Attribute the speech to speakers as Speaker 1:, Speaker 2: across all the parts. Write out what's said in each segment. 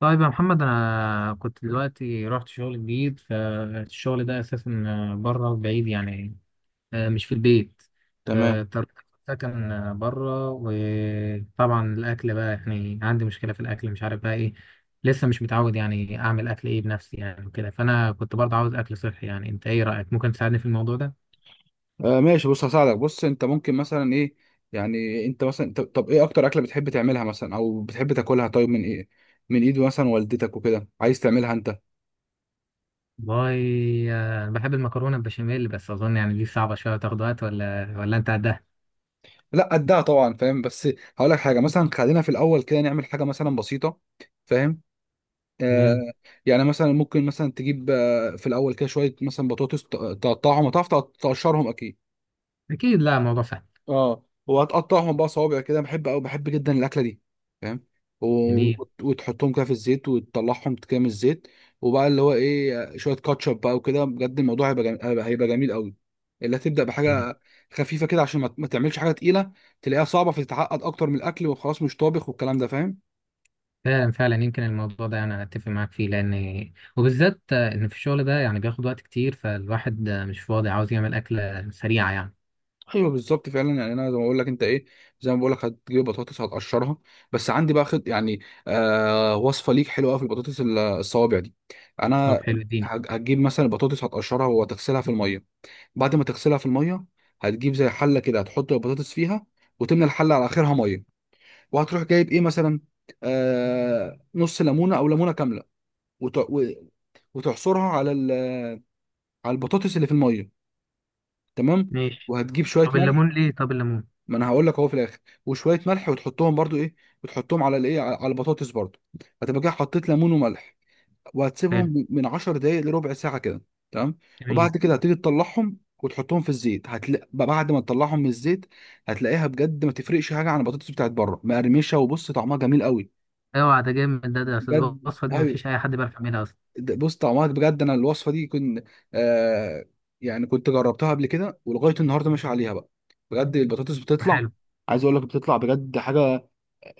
Speaker 1: طيب يا محمد، انا كنت دلوقتي رحت شغل جديد، فالشغل ده اساسا بره بعيد يعني مش في البيت.
Speaker 2: تمام.
Speaker 1: فاضطريت آخد سكن بره، وطبعا الاكل بقى يعني عندي مشكله في الاكل، مش عارف بقى ايه. لسه مش متعود يعني اعمل اكل ايه بنفسي يعني وكده. فانا كنت برضه عاوز اكل صحي، يعني انت ايه رايك؟ ممكن تساعدني في الموضوع ده؟
Speaker 2: آه، ماشي، بص هساعدك. بص، انت ممكن مثلا ايه؟ يعني انت مثلا طب ايه اكتر اكله بتحب تعملها مثلا او بتحب تاكلها؟ طيب من ايه، من ايد مثلا والدتك وكده، عايز تعملها انت؟
Speaker 1: باي بحب المكرونه البشاميل، بس اظن يعني دي صعبه شويه، تاخد وقت. ولا انت قدها؟
Speaker 2: لا قدها طبعا، فاهم؟ بس هقول لك حاجه، مثلا خلينا في الاول كده نعمل حاجه مثلا بسيطه. فاهم؟ آه.
Speaker 1: تمام.
Speaker 2: يعني مثلا ممكن مثلا تجيب في الاول كده شويه مثلا بطاطس، تقطعهم. هتعرف تقشرهم اكيد.
Speaker 1: اكيد، لا الموضوع سهل.
Speaker 2: اه، وهتقطعهم بقى صوابع كده، بحب او بحب جدا الاكله دي. فاهم؟ و...
Speaker 1: جميل.
Speaker 2: وتحطهم كده في الزيت وتطلعهم كده من الزيت، وبقى اللي هو ايه، شويه كاتشب بقى وكده. بجد الموضوع هيبقى جميل قوي. اللي هتبدا بحاجه خفيفه كده عشان ما تعملش حاجه تقيله تلاقيها صعبه فتتعقد اكتر من الاكل وخلاص مش طابخ والكلام ده. فاهم؟
Speaker 1: فعلا فعلا، يمكن الموضوع ده يعني انا اتفق معاك فيه، لان وبالذات ان في الشغل ده يعني بياخد وقت كتير، فالواحد مش فاضي، عاوز يعمل اكله سريعه يعني.
Speaker 2: ايوه بالظبط فعلا. يعني انا زي ما بقول لك انت ايه، زي ما بقول لك هتجيب بطاطس هتقشرها، بس عندي بقى خد يعني وصفه ليك حلوه قوي في البطاطس الصوابع دي.
Speaker 1: طب
Speaker 2: انا
Speaker 1: حلو، اديني.
Speaker 2: هتجيب مثلا البطاطس هتقشرها وهتغسلها في الميه. بعد ما تغسلها في الميه هتجيب زي حله كده هتحط البطاطس فيها، وتملى الحله على اخرها ميه. وهتروح جايب ايه مثلا، نص ليمونه او ليمونه كامله، وت- و- وتعصرها على البطاطس اللي في الميه. تمام.
Speaker 1: ماشي.
Speaker 2: وهتجيب شويه
Speaker 1: طب
Speaker 2: ملح.
Speaker 1: الليمون ليه؟ طب الليمون.
Speaker 2: ما انا هقول لك اهو في الاخر. وشويه ملح وتحطهم برضو ايه، وتحطهم على الايه، على البطاطس برضو. هتبقى كده حطيت ليمون وملح،
Speaker 1: حلو.
Speaker 2: وهتسيبهم من 10 دقايق لربع ساعه كده. تمام.
Speaker 1: جميل.
Speaker 2: وبعد كده هتيجي تطلعهم وتحطهم في الزيت. هتلاقي بعد ما تطلعهم من الزيت، هتلاقيها بجد ما تفرقش حاجه عن البطاطس بتاعت بره، مقرمشه وبص طعمها جميل قوي.
Speaker 1: اوعى، ده جامد. ده أصل
Speaker 2: بجد
Speaker 1: الوصفه دي، ما
Speaker 2: أيوة.
Speaker 1: فيش اي حد بيعرف يعملها اصلا.
Speaker 2: بص طعمها بجد، انا الوصفه دي كنت، آه، يعني كنت جربتها قبل كده ولغايه النهارده ماشي عليها بقى. بجد البطاطس بتطلع،
Speaker 1: حلو.
Speaker 2: عايز اقول لك بتطلع بجد حاجه،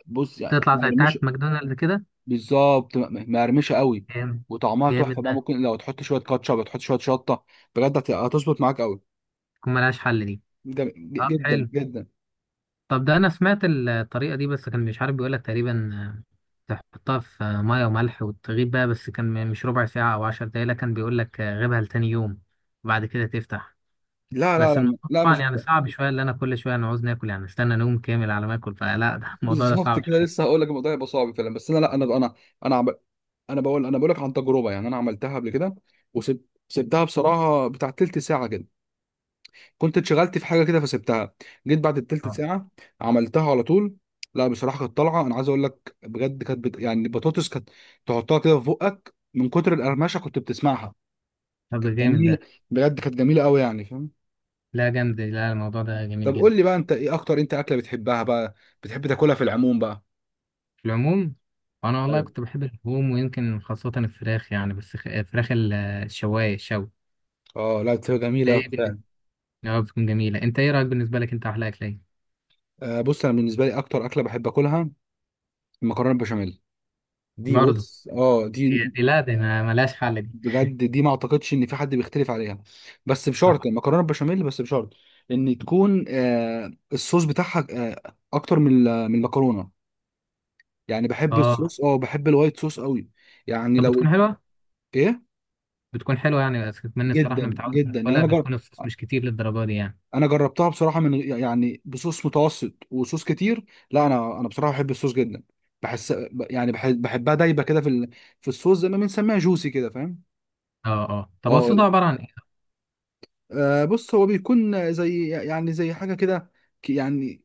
Speaker 2: بص يعني
Speaker 1: تطلع
Speaker 2: ما
Speaker 1: زي
Speaker 2: يرميش.
Speaker 1: بتاعت ماكدونالدز كده.
Speaker 2: بالظبط، ما يرميش قوي.
Speaker 1: جامد.
Speaker 2: وطعمها تحفه
Speaker 1: جامد
Speaker 2: بقى.
Speaker 1: ده.
Speaker 2: ممكن لو تحط شويه كاتشب تحط شويه شطه، بجد هتظبط معاك قوي.
Speaker 1: تكون ملهاش حل دي. طب
Speaker 2: جدا
Speaker 1: حلو.
Speaker 2: جدا.
Speaker 1: طب ده انا سمعت الطريقه دي، بس كان مش عارف، بيقولك تقريبا تحطها في ميه وملح وتغيب بقى، بس كان مش ربع ساعه او 10 دقايق، لا كان بيقولك غيبها لتاني يوم وبعد كده تفتح.
Speaker 2: لا لا
Speaker 1: بس
Speaker 2: لا
Speaker 1: الموضوع
Speaker 2: لا
Speaker 1: طبعا
Speaker 2: مش
Speaker 1: يعني
Speaker 2: كده.
Speaker 1: صعب شويه، اللي انا كل شويه انا عاوز ناكل، يعني استنى نوم كامل على ما اكل، فلا ده الموضوع ده
Speaker 2: بالظبط
Speaker 1: صعب
Speaker 2: كده، لسه
Speaker 1: شويه.
Speaker 2: هقول لك الموضوع يبقى صعب فعلا، بس انا لا، انا عمل، انا بقول لك عن تجربه. يعني انا عملتها قبل كده وسبتها بصراحه بتاع تلت ساعه كده، كنت اتشغلت في حاجه كده فسبتها، جيت بعد التلت
Speaker 1: اه.
Speaker 2: ساعه عملتها على طول. لا بصراحه كانت طالعه، انا عايز اقول لك بجد كانت يعني البطاطس كانت تحطها كده في بقك من كتر القرمشه كنت بتسمعها.
Speaker 1: طب ده
Speaker 2: كانت
Speaker 1: جامد
Speaker 2: جميله،
Speaker 1: ده.
Speaker 2: بجد كانت جميله قوي يعني. فاهم؟
Speaker 1: لا جامد، لا الموضوع ده جميل
Speaker 2: طب قول
Speaker 1: جدا.
Speaker 2: لي بقى انت ايه اكتر اكله بتحبها بقى، بتحب تاكلها في العموم بقى؟
Speaker 1: في العموم، انا والله
Speaker 2: ايوه.
Speaker 1: كنت بحب اللحوم، ويمكن خاصه الفراخ يعني، بس فراخ الشوايه، الشوي.
Speaker 2: اه، لا بتبقى
Speaker 1: ده
Speaker 2: جميله أوي
Speaker 1: ايه؟
Speaker 2: فعلا.
Speaker 1: اه بتكون جميلة. انت ايه رأيك؟ بالنسبة لك انت، احلى اكلة ايه؟
Speaker 2: آه بص، انا بالنسبه لي اكتر اكله بحب اكلها المكرونه البشاميل دي.
Speaker 1: برضه.
Speaker 2: بص اه
Speaker 1: هي
Speaker 2: دي
Speaker 1: دي، لا دي ما ملهاش حل دي.
Speaker 2: بجد دي، ما اعتقدش ان في حد بيختلف عليها، بس
Speaker 1: اه.
Speaker 2: بشرط المكرونه البشاميل بس بشرط ان تكون، آه، الصوص بتاعها آه اكتر من المكرونه. يعني بحب
Speaker 1: آه.
Speaker 2: الصوص، اه بحب الوايت صوص قوي، يعني
Speaker 1: طب
Speaker 2: لو
Speaker 1: بتكون حلوة
Speaker 2: ايه.
Speaker 1: بتكون حلوة يعني، بس اتمنى الصراحة انا
Speaker 2: جدا
Speaker 1: متعود،
Speaker 2: جدا. يعني
Speaker 1: ولا
Speaker 2: انا جرب،
Speaker 1: بتكون الصوص مش كتير للدرجة دي يعني.
Speaker 2: انا جربتها بصراحه يعني بصوص متوسط وصوص كتير. لا انا بصراحه بحب الصوص جدا، بحس يعني بحب، بحبها دايبه كده في الصوص، زي ما بنسميها جوسي كده. فاهم؟
Speaker 1: اه، اه. طب هو
Speaker 2: اه.
Speaker 1: الصوص ده عبارة عن ايه؟
Speaker 2: آه، بص هو بيكون زي يعني زي حاجه كده، يعني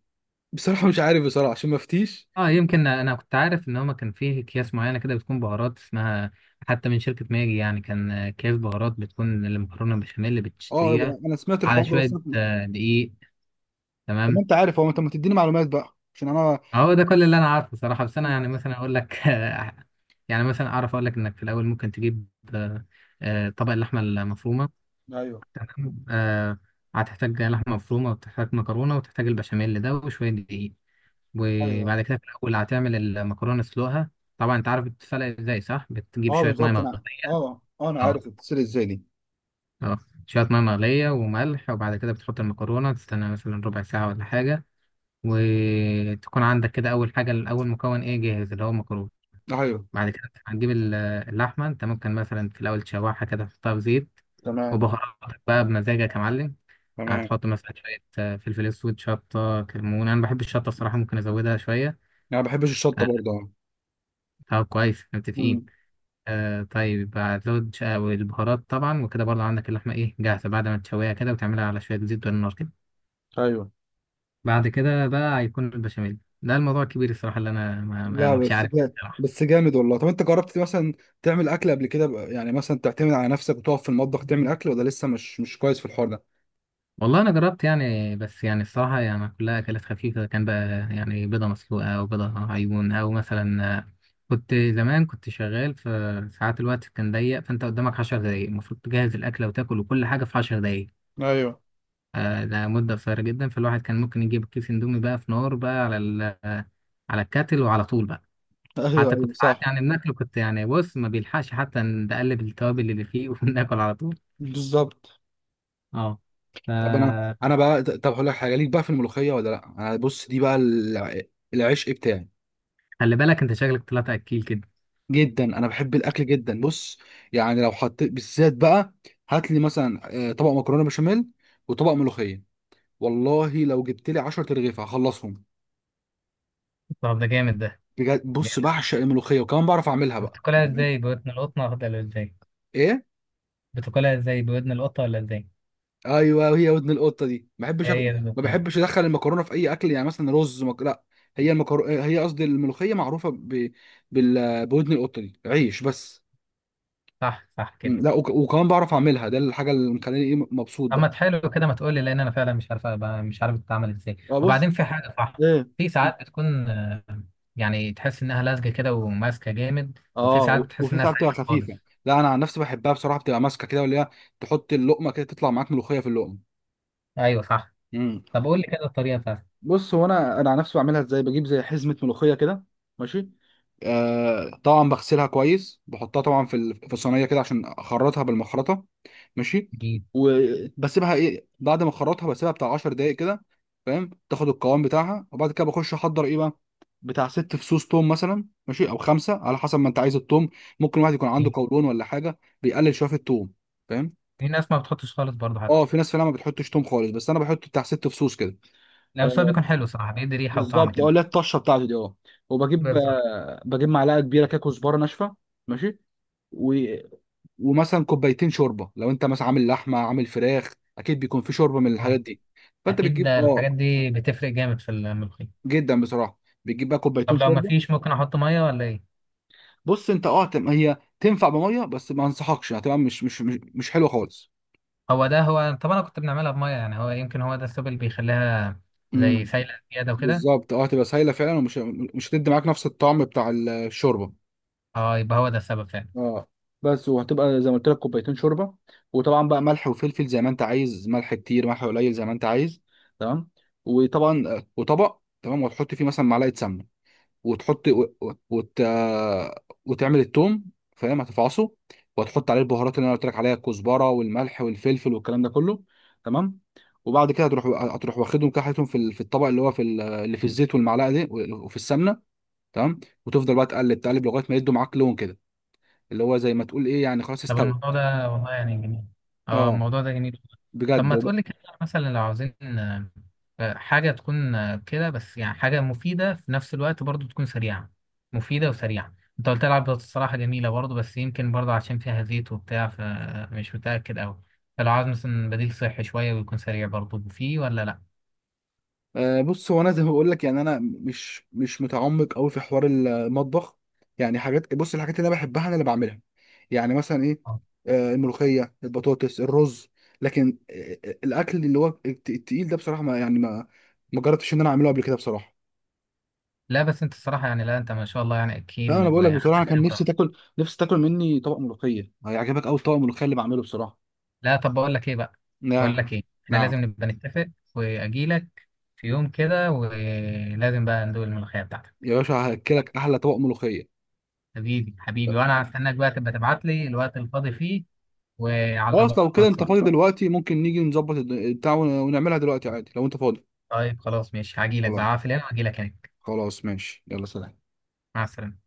Speaker 2: بصراحه مش عارف بصراحه عشان ما افتيش.
Speaker 1: اه. يمكن انا كنت عارف ان هما كان فيه اكياس معينة كده، بتكون بهارات اسمها، حتى من شركة ماجي. يعني كان اكياس بهارات بتكون المكرونة البشاميل اللي
Speaker 2: اه.
Speaker 1: بتشتريها
Speaker 2: انا سمعت
Speaker 1: على
Speaker 2: الحوار ده بس
Speaker 1: شوية دقيق.
Speaker 2: طب ما
Speaker 1: تمام.
Speaker 2: انت عارف، هو انت ما تديني معلومات بقى عشان انا.
Speaker 1: هو ده كل اللي انا عارفه صراحه. بس انا يعني مثلا اقول لك يعني مثلا اعرف اقول لك، انك في الاول ممكن تجيب آه، طبق اللحمه المفرومه.
Speaker 2: ايوه
Speaker 1: تمام. هتحتاج لحمه مفرومه وتحتاج مكرونه وتحتاج البشاميل ده وشويه دقيق.
Speaker 2: ايوه ايوه.
Speaker 1: وبعد كده في الاول هتعمل المكرونه، تسلقها. طبعا انت عارف بتتسلق ازاي، صح؟ بتجيب
Speaker 2: اه
Speaker 1: شويه ميه
Speaker 2: بالظبط، انا
Speaker 1: مغليه.
Speaker 2: اه انا
Speaker 1: اه،
Speaker 2: عارف بتتصل ازاي دي.
Speaker 1: اه. شويه ميه مغليه وملح، وبعد كده بتحط المكرونه، تستنى مثلا ربع ساعه ولا حاجه. وتكون عندك كده اول حاجه، اول مكون ايه جاهز، اللي هو المكرونه.
Speaker 2: ايوه.
Speaker 1: بعد كده هتجيب اللحمة. انت ممكن مثلا في الأول تشوحها كده، تحطها في زيت،
Speaker 2: تمام.
Speaker 1: وبهاراتك بقى بمزاجك يا معلم.
Speaker 2: تمام.
Speaker 1: هتحط مثلا شوية فلفل أسود، شطة، كمون. أنا بحب الشطة الصراحة، ممكن أزودها شوية.
Speaker 2: انا ما بحبش الشطه
Speaker 1: آه،
Speaker 2: برضه، اه.
Speaker 1: طب كويس، متفقين.
Speaker 2: امم.
Speaker 1: طيب، هتزود البهارات طبعا وكده، برضه عندك اللحمة إيه جاهزة بعد ما تشويها كده، وتعملها على شوية زيت والنار كده.
Speaker 2: ايوه.
Speaker 1: بعد كده بقى هيكون البشاميل ده الموضوع الكبير الصراحة، اللي أنا
Speaker 2: لا
Speaker 1: مش
Speaker 2: بس
Speaker 1: عارف.
Speaker 2: جامد، بس جامد والله. طب انت جربت مثلا تعمل اكل قبل كده بقى؟ يعني مثلا تعتمد على نفسك وتقف في المطبخ تعمل اكل، ولا لسه مش كويس في الحوار ده؟
Speaker 1: والله انا جربت يعني، بس يعني الصراحه يعني كلها اكلات خفيفه كان بقى. يعني بيضه مسلوقه او بيضه عيون او مثلا كنت زمان، كنت شغال في ساعات الوقت كان ضيق، فانت قدامك 10 دقايق المفروض تجهز الاكله وتاكل، وكل حاجه في 10 دقايق.
Speaker 2: ايوه.
Speaker 1: ده مده قصيره جدا، فالواحد كان ممكن يجيب كيس اندومي بقى في نار بقى على على الكاتل وعلى طول بقى.
Speaker 2: ايوه
Speaker 1: حتى كنت
Speaker 2: ايوه
Speaker 1: ساعات
Speaker 2: صح.
Speaker 1: يعني بناكله، كنت يعني بص ما بيلحقش حتى نقلب التوابل اللي فيه وناكل على طول.
Speaker 2: بالظبط.
Speaker 1: اه.
Speaker 2: طب انا
Speaker 1: ف-
Speaker 2: انا بقى، طب هقول لك حاجه ليك بقى في الملوخيه، ولا لا انا بص دي بقى العشق بتاعي.
Speaker 1: خلي بالك انت، شكلك طلعت اكيل كده.
Speaker 2: جدا، انا بحب الاكل جدا. بص يعني لو حطيت بالذات بقى، هات لي مثلا، آه، طبق مكرونه بشاميل وطبق ملوخيه، والله لو جبت لي 10 ترغيف هخلصهم.
Speaker 1: طب ده جامد. ده
Speaker 2: بجد بص
Speaker 1: جامد.
Speaker 2: بعشق الملوخيه وكمان بعرف اعملها بقى.
Speaker 1: بتاكلها ازاي؟ بودن القطة ولا ازاي؟
Speaker 2: ايه؟
Speaker 1: بتاكلها ازاي؟ بودن القطة ولا ازاي؟
Speaker 2: ايوه هي ودن القطه دي،
Speaker 1: هي دي
Speaker 2: ما
Speaker 1: القطة.
Speaker 2: بحبش ادخل المكرونه في اي اكل، يعني مثلا لا، هي قصدي الملوخيه معروفه بودن القطه دي عيش بس.
Speaker 1: صح، صح كده.
Speaker 2: مم، لا وكمان بعرف اعملها، ده الحاجه اللي مخليني ايه مبسوط
Speaker 1: اما
Speaker 2: بقى.
Speaker 1: تحلو كده، ما تقولي، لان انا فعلا مش عارف بتتعمل ازاي.
Speaker 2: اه بص.
Speaker 1: وبعدين في حاجة، صح.
Speaker 2: ايه؟
Speaker 1: في
Speaker 2: مم.
Speaker 1: ساعات بتكون يعني تحس انها لازجة كده وماسكة جامد، وفي
Speaker 2: اه،
Speaker 1: ساعات بتحس
Speaker 2: وفي
Speaker 1: انها
Speaker 2: ساعات بتبقى
Speaker 1: سايلة خالص.
Speaker 2: خفيفه. لا انا عن نفسي بحبها بصراحه بتبقى ماسكه كده، ولا هي تحط اللقمه كده تطلع معاك ملوخيه في اللقمه.
Speaker 1: ايوه صح.
Speaker 2: مم.
Speaker 1: طب قول لي كده الطريقة بتاعتك.
Speaker 2: بص هو انا على نفسي بعملها ازاي. بجيب زي حزمه ملوخيه كده. ماشي. آه طبعا بغسلها كويس، بحطها طبعا في الصينيه كده عشان اخرطها بالمخرطه. ماشي.
Speaker 1: في
Speaker 2: وبسيبها ايه، بعد ما اخرطها بسيبها بتاع 10 دقائق كده. فاهم؟ تاخد القوام بتاعها. وبعد كده بخش احضر ايه بقى، بتاع ست فصوص توم مثلا، ماشي، او خمسه على حسب ما انت عايز التوم. ممكن واحد يكون عنده
Speaker 1: في-
Speaker 2: قولون ولا حاجه بيقلل شويه في التوم. فاهم؟
Speaker 1: في ناس ما بتحطش خالص برضه
Speaker 2: اه،
Speaker 1: حتى.
Speaker 2: في ناس فعلا ما بتحطش توم خالص، بس انا بحط بتاع ست فصوص كده.
Speaker 1: لا بس هو بيكون حلو صراحة، بيدي ريحة وطعم
Speaker 2: بالظبط. اه،
Speaker 1: كده.
Speaker 2: لا الطشه بتاعته دي اه. وبجيب،
Speaker 1: بالظبط،
Speaker 2: آه، بجيب معلقه كبيره كده كزبره ناشفه. ماشي. و... ومثلا كوبايتين شوربه، لو انت مثلا عامل لحمه عامل فراخ اكيد بيكون في شوربه من الحاجات
Speaker 1: اه
Speaker 2: دي. فانت
Speaker 1: اكيد،
Speaker 2: بتجيب
Speaker 1: ده
Speaker 2: اه.
Speaker 1: الحاجات دي بتفرق جامد في الملوخية.
Speaker 2: جدا بصراحه. بتجيب بقى
Speaker 1: طب
Speaker 2: كوبايتين
Speaker 1: لو
Speaker 2: شوربه.
Speaker 1: مفيش، ممكن احط ميه ولا ايه؟
Speaker 2: بص انت اه، هي تنفع بميه بس ما انصحكش، هتبقى مش مش حلوه خالص.
Speaker 1: هو ده هو. طب انا كنت بنعملها بميه، يعني هو يمكن هو ده السبب اللي بيخليها زي
Speaker 2: امم.
Speaker 1: سايله زياده وكده.
Speaker 2: بالظبط اه، هتبقى سايله فعلا، مش هتدي معاك نفس الطعم بتاع الشوربه.
Speaker 1: اه، يبقى هو ده السبب فعلا.
Speaker 2: اه بس. وهتبقى زي ما قلت لك كوبايتين شوربه، وطبعا بقى ملح وفلفل زي ما انت عايز، ملح كتير ملح قليل زي ما انت عايز. تمام. وطبعا، آه، وطبق تمام، وتحط فيه مثلا معلقه سمنه، وتحط و... و- وت... آه، وتعمل التوم. فاهم؟ هتفعصه وتحط عليه البهارات اللي انا قلت لك عليها، الكزبره والملح والفلفل والكلام ده كله. تمام. وبعد كده هتروح واخدهم كده حاططهم في الطبق اللي هو اللي في الزيت والمعلقه دي وفي السمنه. تمام. وتفضل بقى تقلب تقلب لغايه ما يدوا معاك لون كده، اللي هو زي ما تقول ايه يعني خلاص
Speaker 1: طب
Speaker 2: استوى.
Speaker 1: الموضوع ده والله يعني جميل. اه
Speaker 2: اه
Speaker 1: الموضوع ده جميل. طب
Speaker 2: بجد
Speaker 1: ما تقول لي كده، مثلا لو عاوزين حاجه تكون كده، بس يعني حاجه مفيده في نفس الوقت برضو، تكون سريعه. مفيده وسريعه. انت قلت لي العب بطاطس الصراحه جميله برضو، بس يمكن برضو عشان فيها زيت وبتاع، فمش متاكد قوي. فلو عاوز مثلا بديل صحي شويه ويكون سريع برضو، فيه ولا لا؟
Speaker 2: آه بص هو انا زي ما بقول لك، يعني انا مش متعمق قوي في حوار المطبخ. يعني حاجات بص، الحاجات اللي انا بحبها انا اللي بعملها. يعني مثلا ايه، آه الملوخيه البطاطس الرز. لكن الاكل اللي هو التقيل ده بصراحه ما يعني ما ما جربتش ان انا اعمله قبل كده بصراحه.
Speaker 1: لا بس انت الصراحه يعني، لا انت ما شاء الله، يعني
Speaker 2: فانا
Speaker 1: اكيل
Speaker 2: بقول لك بصراحه
Speaker 1: وعندك
Speaker 2: كان نفسي
Speaker 1: خبره.
Speaker 2: تاكل، نفسي تاكل مني طبق ملوخيه هيعجبك قوي، طبق الملوخيه اللي بعمله بصراحه.
Speaker 1: لا طب، بقول لك ايه بقى. بقول
Speaker 2: نعم.
Speaker 1: لك ايه، احنا
Speaker 2: نعم.
Speaker 1: لازم نبقى نتفق. واجي لك في يوم كده، ولازم بقى ندوق الملوخيه بتاعتك.
Speaker 2: يا باشا هاكلك احلى طبق ملوخيه.
Speaker 1: حبيبي حبيبي، وانا هستناك بقى، تبقى تبعت لي الوقت الفاضي فيه وعلى
Speaker 2: خلاص لو كده
Speaker 1: الواتس
Speaker 2: انت
Speaker 1: بقى.
Speaker 2: فاضي دلوقتي ممكن نيجي نظبط بتاع ونعملها دلوقتي عادي لو انت فاضي.
Speaker 1: طيب خلاص ماشي، هاجي لك
Speaker 2: خلاص.
Speaker 1: بقى في اليوم، هاجي لك هناك.
Speaker 2: خلاص ماشي، يلا سلام.
Speaker 1: مع السلامه.